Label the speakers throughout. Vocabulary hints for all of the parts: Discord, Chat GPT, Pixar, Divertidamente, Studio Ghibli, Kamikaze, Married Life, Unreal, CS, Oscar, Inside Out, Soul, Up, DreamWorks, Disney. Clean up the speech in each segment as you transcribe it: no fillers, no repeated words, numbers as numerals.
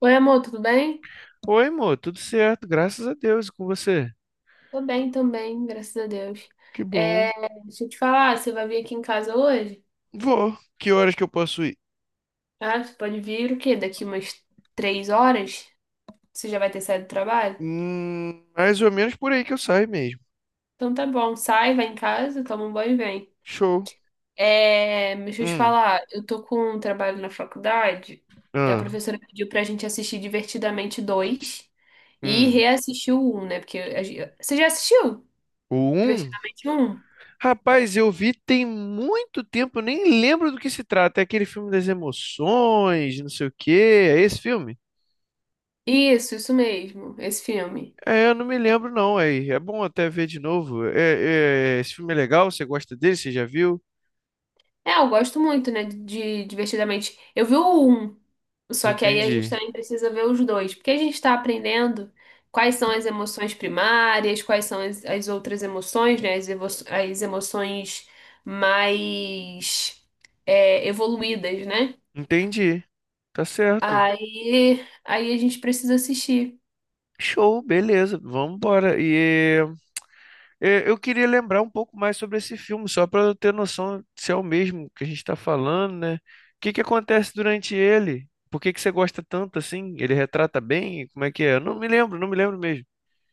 Speaker 1: Oi, amor, tudo bem?
Speaker 2: Oi, amor, tudo certo, graças a Deus, e com você?
Speaker 1: Tô bem também, graças a Deus.
Speaker 2: Que bom.
Speaker 1: É, deixa eu te falar, você vai vir aqui em casa hoje?
Speaker 2: Vou. Que horas que eu posso ir?
Speaker 1: Ah, você pode vir o quê? Daqui umas três horas? Você já vai ter saído do trabalho?
Speaker 2: Mais ou menos por aí que eu saio mesmo.
Speaker 1: Então tá bom, sai, vai em casa, toma um banho e vem.
Speaker 2: Show.
Speaker 1: É, mas deixa eu te
Speaker 2: Hum,
Speaker 1: falar, eu tô com um trabalho na faculdade. A
Speaker 2: ah,
Speaker 1: professora pediu pra gente assistir Divertidamente dois e
Speaker 2: hum.
Speaker 1: reassistir o 1, né? Porque você já assistiu
Speaker 2: O um?
Speaker 1: Divertidamente um?
Speaker 2: Rapaz, eu vi tem muito tempo, eu nem lembro do que se trata. É aquele filme das emoções, não sei o quê. É esse filme?
Speaker 1: Isso mesmo, esse filme.
Speaker 2: É, eu não me lembro não, é bom até ver de novo. É, esse filme é legal, você gosta dele, você já viu?
Speaker 1: É, eu gosto muito, né, de Divertidamente. Eu vi o um, só que aí a gente
Speaker 2: Entendi.
Speaker 1: também precisa ver os dois, porque a gente está aprendendo quais são as emoções primárias, quais são as outras emoções, né, as emoções mais evoluídas, né?
Speaker 2: Entendi. Tá certo.
Speaker 1: Aí a gente precisa assistir.
Speaker 2: Show, beleza, vamos embora. E eu queria lembrar um pouco mais sobre esse filme, só para eu ter noção se é o mesmo que a gente está falando, né? O que que acontece durante ele? Por que que você gosta tanto assim? Ele retrata bem? Como é que é? Eu não me lembro, não me lembro mesmo.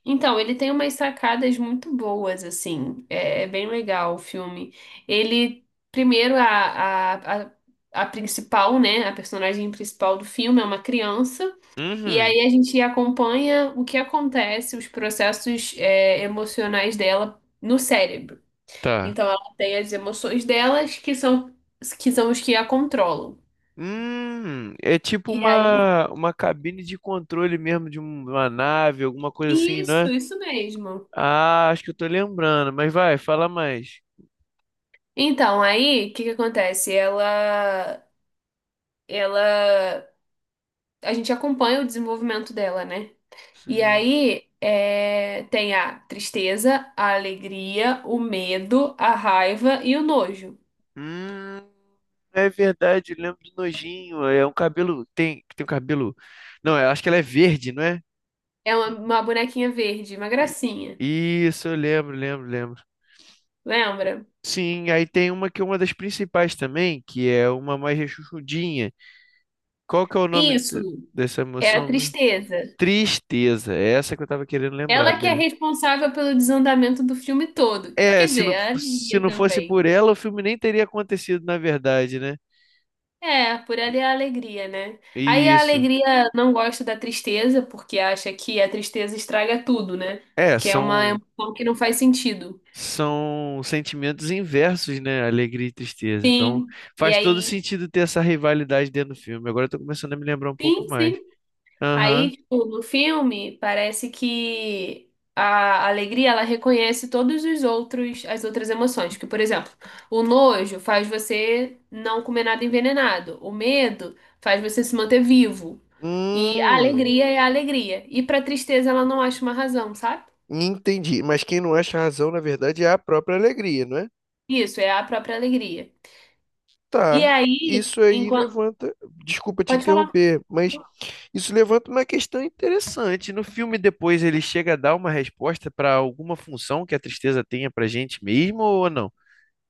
Speaker 1: Então, ele tem umas sacadas muito boas, assim. É, é bem legal o filme. Ele, primeiro, a, a, a principal, né? A personagem principal do filme é uma criança. E
Speaker 2: Uhum,
Speaker 1: aí a gente acompanha o que acontece, os processos, emocionais dela no cérebro.
Speaker 2: tá.
Speaker 1: Então, ela tem as emoções delas que são os que a controlam.
Speaker 2: É tipo
Speaker 1: E aí.
Speaker 2: uma cabine de controle mesmo de uma nave, alguma coisa assim, não é?
Speaker 1: Isso mesmo.
Speaker 2: Ah, acho que eu tô lembrando, mas vai, fala mais.
Speaker 1: Então, aí, o que que acontece? Ela. Ela A gente acompanha o desenvolvimento dela, né? E aí tem a tristeza, a alegria, o medo, a raiva e o nojo.
Speaker 2: Hum, é verdade, eu lembro do nojinho. É um cabelo. Tem um cabelo. Não, eu acho que ela é verde, não é?
Speaker 1: É uma bonequinha verde, uma
Speaker 2: I-
Speaker 1: gracinha,
Speaker 2: Isso, eu lembro, lembro, lembro.
Speaker 1: lembra?
Speaker 2: Sim, aí tem uma que é uma das principais também, que é uma mais rechonchudinha. Qual que é o nome
Speaker 1: Isso
Speaker 2: dessa
Speaker 1: é a
Speaker 2: emoção mesmo?
Speaker 1: tristeza.
Speaker 2: Tristeza. É essa que eu tava querendo lembrar,
Speaker 1: Ela que é
Speaker 2: beleza.
Speaker 1: responsável pelo desandamento do filme todo.
Speaker 2: É,
Speaker 1: Quer
Speaker 2: se
Speaker 1: dizer,
Speaker 2: não,
Speaker 1: a
Speaker 2: se
Speaker 1: alegria
Speaker 2: não fosse
Speaker 1: também.
Speaker 2: por ela, o filme nem teria acontecido, na verdade, né?
Speaker 1: É, por ali é a alegria, né? Aí a
Speaker 2: Isso.
Speaker 1: alegria não gosta da tristeza, porque acha que a tristeza estraga tudo, né?
Speaker 2: É,
Speaker 1: Que é uma
Speaker 2: são.
Speaker 1: emoção que não faz sentido.
Speaker 2: são sentimentos inversos, né? Alegria e tristeza. Então,
Speaker 1: Sim. E
Speaker 2: faz todo
Speaker 1: aí,
Speaker 2: sentido ter essa rivalidade dentro do filme. Agora eu tô começando a me lembrar um pouco
Speaker 1: sim,
Speaker 2: mais.
Speaker 1: sim.
Speaker 2: Aham.
Speaker 1: Aí, tipo, no filme, parece que a alegria, ela reconhece todos os outros, as outras emoções. Que, por exemplo, o nojo faz você não comer nada envenenado. O medo faz você se manter vivo. E a
Speaker 2: Hum,
Speaker 1: alegria é a alegria. E pra tristeza, ela não acha uma razão, sabe?
Speaker 2: Entendi. Mas quem não acha razão, na verdade, é a própria alegria, não é?
Speaker 1: Isso, é a própria alegria. E
Speaker 2: Tá.
Speaker 1: aí,
Speaker 2: Isso aí
Speaker 1: enquanto...
Speaker 2: levanta. Desculpa te
Speaker 1: Pode falar.
Speaker 2: interromper, mas isso levanta uma questão interessante. No filme, depois ele chega a dar uma resposta para alguma função que a tristeza tenha pra gente mesmo ou não?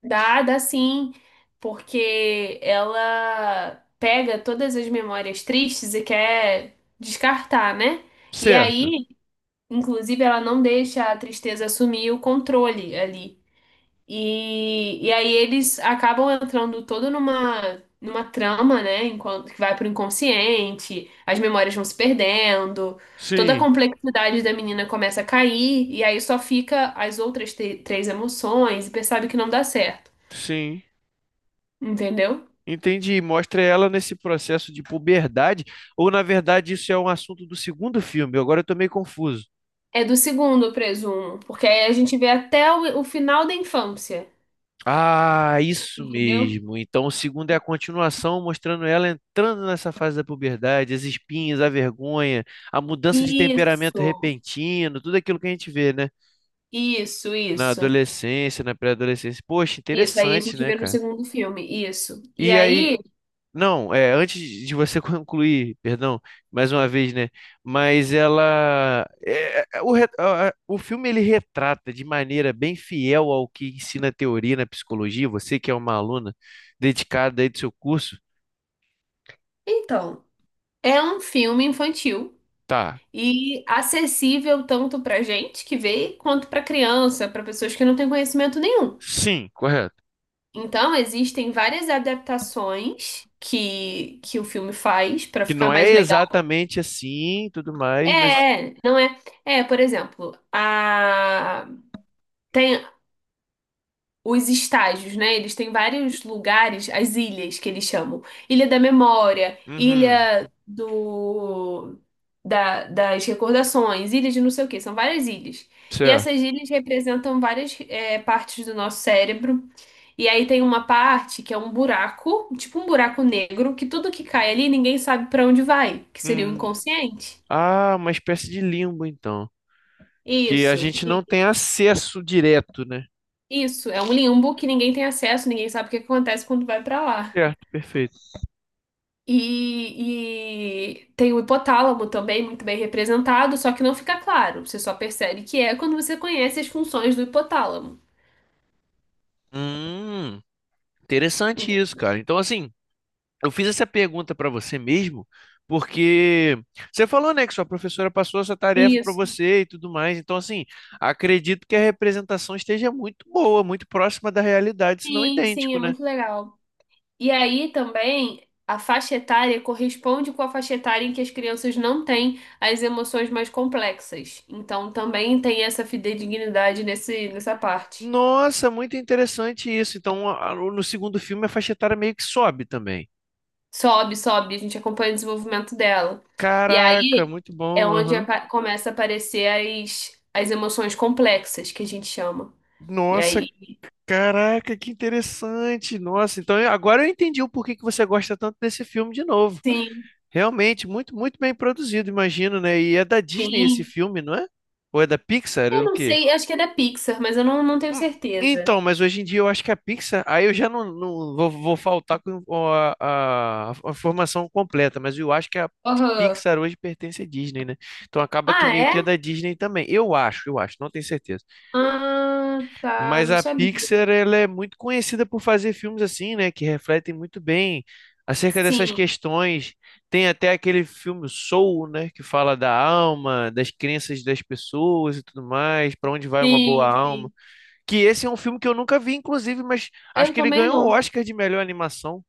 Speaker 1: Dá sim, porque ela pega todas as memórias tristes e quer descartar, né? E
Speaker 2: Certo.
Speaker 1: aí, inclusive, ela não deixa a tristeza assumir o controle ali. E aí eles acabam entrando todo numa trama, né? Enquanto que vai pro inconsciente, as memórias vão se perdendo, toda a
Speaker 2: Sim,
Speaker 1: complexidade da menina começa a cair, e aí só fica as outras três emoções e percebe que não dá certo,
Speaker 2: sim.
Speaker 1: entendeu?
Speaker 2: Entendi. Mostra ela nesse processo de puberdade, ou na verdade isso é um assunto do segundo filme? Agora eu tô meio confuso.
Speaker 1: É do segundo, eu presumo, porque aí a gente vê até o final da infância,
Speaker 2: Ah, isso
Speaker 1: entendeu?
Speaker 2: mesmo. Então o segundo é a continuação, mostrando ela entrando nessa fase da puberdade, as espinhas, a vergonha, a mudança de temperamento
Speaker 1: Isso,
Speaker 2: repentino, tudo aquilo que a gente vê, né?
Speaker 1: isso,
Speaker 2: Na
Speaker 1: isso.
Speaker 2: adolescência, na pré-adolescência. Poxa,
Speaker 1: Isso, aí a
Speaker 2: interessante,
Speaker 1: gente
Speaker 2: né,
Speaker 1: vê no
Speaker 2: cara?
Speaker 1: segundo filme, isso. E
Speaker 2: E aí.
Speaker 1: aí,
Speaker 2: Não, antes de você concluir, perdão, mais uma vez, né? Mas ela, é, é, o, re- a- o filme ele retrata de maneira bem fiel ao que ensina a teoria na psicologia. Você que é uma aluna dedicada aí do seu curso,
Speaker 1: então, é um filme infantil
Speaker 2: tá?
Speaker 1: e acessível tanto pra gente que vê, quanto pra criança, pra pessoas que não têm conhecimento nenhum.
Speaker 2: Sim, correto.
Speaker 1: Então, existem várias adaptações que o filme faz pra
Speaker 2: Que
Speaker 1: ficar
Speaker 2: não é
Speaker 1: mais legal.
Speaker 2: exatamente assim, tudo
Speaker 1: É,
Speaker 2: mais, mas.
Speaker 1: é, não é. É, por exemplo, a... tem os estágios, né? Eles têm vários lugares, as ilhas que eles chamam. Ilha da Memória,
Speaker 2: Uhum,
Speaker 1: Das Recordações, Ilha de não sei o quê. São várias ilhas. E essas
Speaker 2: certo.
Speaker 1: ilhas representam várias partes do nosso cérebro. E aí tem uma parte que é um buraco, tipo um buraco negro, que tudo que cai ali ninguém sabe para onde vai, que seria o
Speaker 2: Hum,
Speaker 1: inconsciente.
Speaker 2: uma espécie de limbo, então, que a
Speaker 1: Isso,
Speaker 2: gente não tem acesso direto, né?
Speaker 1: Isso, é um limbo que ninguém tem acesso, ninguém sabe o que acontece quando vai pra lá.
Speaker 2: Certo, perfeito.
Speaker 1: E tem o hipotálamo também, muito bem representado, só que não fica claro. Você só percebe que é quando você conhece as funções do hipotálamo.
Speaker 2: Hum. Interessante isso,
Speaker 1: Entendeu?
Speaker 2: cara. Então, assim, eu fiz essa pergunta para você mesmo, porque você falou, né, que sua professora passou essa tarefa para
Speaker 1: Isso.
Speaker 2: você e tudo mais. Então, assim, acredito que a representação esteja muito boa, muito próxima da realidade, se não
Speaker 1: Sim, sim,
Speaker 2: idêntico,
Speaker 1: é
Speaker 2: né?
Speaker 1: muito legal. E aí também a faixa etária corresponde com a faixa etária em que as crianças não têm as emoções mais complexas. Então também tem essa fidedignidade nessa parte.
Speaker 2: Nossa, muito interessante isso. Então, no segundo filme, a faixa etária meio que sobe também.
Speaker 1: Sobe, sobe, a gente acompanha o desenvolvimento dela. E
Speaker 2: Caraca,
Speaker 1: aí
Speaker 2: muito
Speaker 1: é
Speaker 2: bom.
Speaker 1: onde
Speaker 2: Aham.
Speaker 1: começa a aparecer as emoções complexas, que a gente chama. E
Speaker 2: Nossa,
Speaker 1: aí,
Speaker 2: caraca, que interessante. Nossa, então agora eu entendi o porquê que você gosta tanto desse filme de novo.
Speaker 1: sim,
Speaker 2: Realmente, muito, muito bem produzido, imagino, né? E é da Disney esse
Speaker 1: sim.
Speaker 2: filme, não é? Ou é da Pixar? É
Speaker 1: Eu
Speaker 2: o
Speaker 1: não
Speaker 2: quê?
Speaker 1: sei, acho que é da Pixar, mas eu não tenho
Speaker 2: Hum,
Speaker 1: certeza.
Speaker 2: Então, mas hoje em dia eu acho que a Pixar. Aí eu já não vou faltar com a formação completa, mas eu acho que a
Speaker 1: Aham.
Speaker 2: Pixar hoje pertence à Disney, né? Então acaba que
Speaker 1: Ah,
Speaker 2: meio que é
Speaker 1: é?
Speaker 2: da Disney também. Eu acho, não tenho certeza.
Speaker 1: Ah, tá,
Speaker 2: Mas
Speaker 1: não
Speaker 2: a
Speaker 1: sabia.
Speaker 2: Pixar, ela é muito conhecida por fazer filmes assim, né? Que refletem muito bem acerca dessas
Speaker 1: Sim,
Speaker 2: questões. Tem até aquele filme Soul, né? Que fala da alma, das crenças das pessoas e tudo mais, para onde vai uma boa
Speaker 1: sim,
Speaker 2: alma.
Speaker 1: sim.
Speaker 2: Que esse é um filme que eu nunca vi, inclusive, mas acho
Speaker 1: Eu
Speaker 2: que ele
Speaker 1: também
Speaker 2: ganhou o
Speaker 1: não.
Speaker 2: Oscar de melhor animação.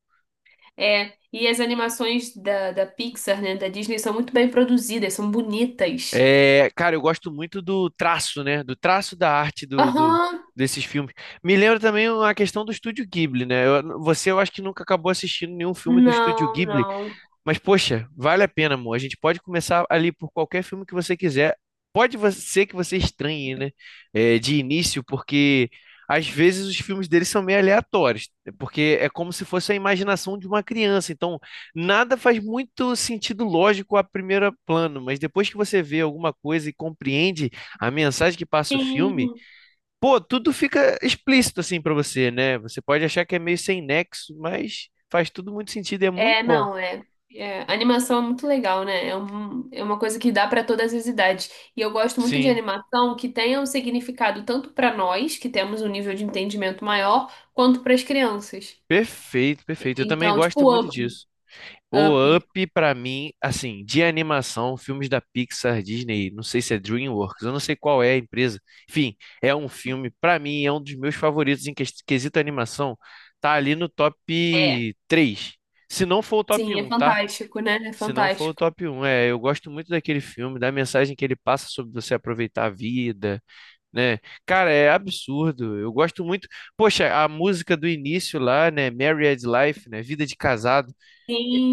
Speaker 1: É, e as animações da Pixar, né, da Disney, são muito bem produzidas, são bonitas.
Speaker 2: É, cara, eu gosto muito do traço, né? Do traço da arte
Speaker 1: Aham.
Speaker 2: desses filmes. Me lembra também a questão do Estúdio Ghibli, né? Você, eu acho que nunca acabou assistindo nenhum filme do Estúdio
Speaker 1: Não,
Speaker 2: Ghibli.
Speaker 1: não.
Speaker 2: Mas, poxa, vale a pena, amor. A gente pode começar ali por qualquer filme que você quiser. Pode ser que você estranhe, né? De início, porque às vezes os filmes deles são meio aleatórios, porque é como se fosse a imaginação de uma criança. Então, nada faz muito sentido lógico a primeiro plano, mas depois que você vê alguma coisa e compreende a mensagem que passa o filme,
Speaker 1: Sim.
Speaker 2: pô, tudo fica explícito assim pra você, né? Você pode achar que é meio sem nexo, mas faz tudo muito sentido e é muito
Speaker 1: É,
Speaker 2: bom.
Speaker 1: não, é. É, Animação é muito legal, né? É uma coisa que dá para todas as idades. E eu gosto muito de
Speaker 2: Sim.
Speaker 1: animação que tenha um significado tanto para nós, que temos um nível de entendimento maior, quanto para as crianças.
Speaker 2: Perfeito, perfeito. Eu também
Speaker 1: Então,
Speaker 2: gosto
Speaker 1: tipo,
Speaker 2: muito
Speaker 1: Up.
Speaker 2: disso. O
Speaker 1: Up.
Speaker 2: Up, pra mim, assim, de animação, filmes da Pixar, Disney, não sei se é DreamWorks, eu não sei qual é a empresa. Enfim, é um filme, pra mim, é um dos meus favoritos em quesito animação. Tá ali no top
Speaker 1: É.
Speaker 2: três. Se não for o top
Speaker 1: Sim, é
Speaker 2: um, tá?
Speaker 1: fantástico, né? É
Speaker 2: Se não for o
Speaker 1: fantástico.
Speaker 2: top um, eu gosto muito daquele filme, da mensagem que ele passa sobre você aproveitar a vida, né? Cara, é absurdo. Eu gosto muito. Poxa, a música do início lá, né? Married Life, né? Vida de Casado,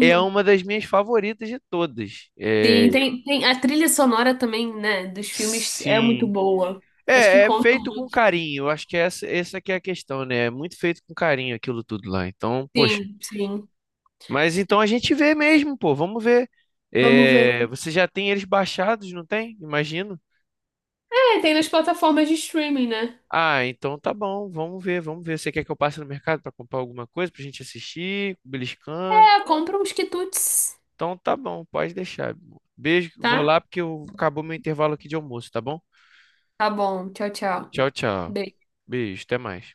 Speaker 2: é uma das minhas favoritas de todas. É,
Speaker 1: Sim, tem, tem a trilha sonora também, né? Dos filmes é muito
Speaker 2: sim.
Speaker 1: boa. Acho que
Speaker 2: É, é
Speaker 1: conta.
Speaker 2: feito com carinho. Eu acho que é essa que é a questão, né? É muito feito com carinho aquilo tudo lá. Então, poxa.
Speaker 1: Sim, sim.
Speaker 2: Mas então a gente vê mesmo, pô. Vamos ver.
Speaker 1: Vamos ver.
Speaker 2: É, você já tem eles baixados, não tem? Imagino.
Speaker 1: É, tem nas plataformas de streaming, né?
Speaker 2: Ah, então tá bom, vamos ver, vamos ver. Você quer que eu passe no mercado para comprar alguma coisa pra gente assistir, beliscando?
Speaker 1: Compra uns quitutes,
Speaker 2: Então tá bom, pode deixar, meu amor. Beijo, vou
Speaker 1: tá?
Speaker 2: lá porque acabou meu intervalo aqui de almoço, tá bom?
Speaker 1: Tá bom. Tchau, tchau.
Speaker 2: Tchau, tchau.
Speaker 1: Beijo.
Speaker 2: Beijo, até mais.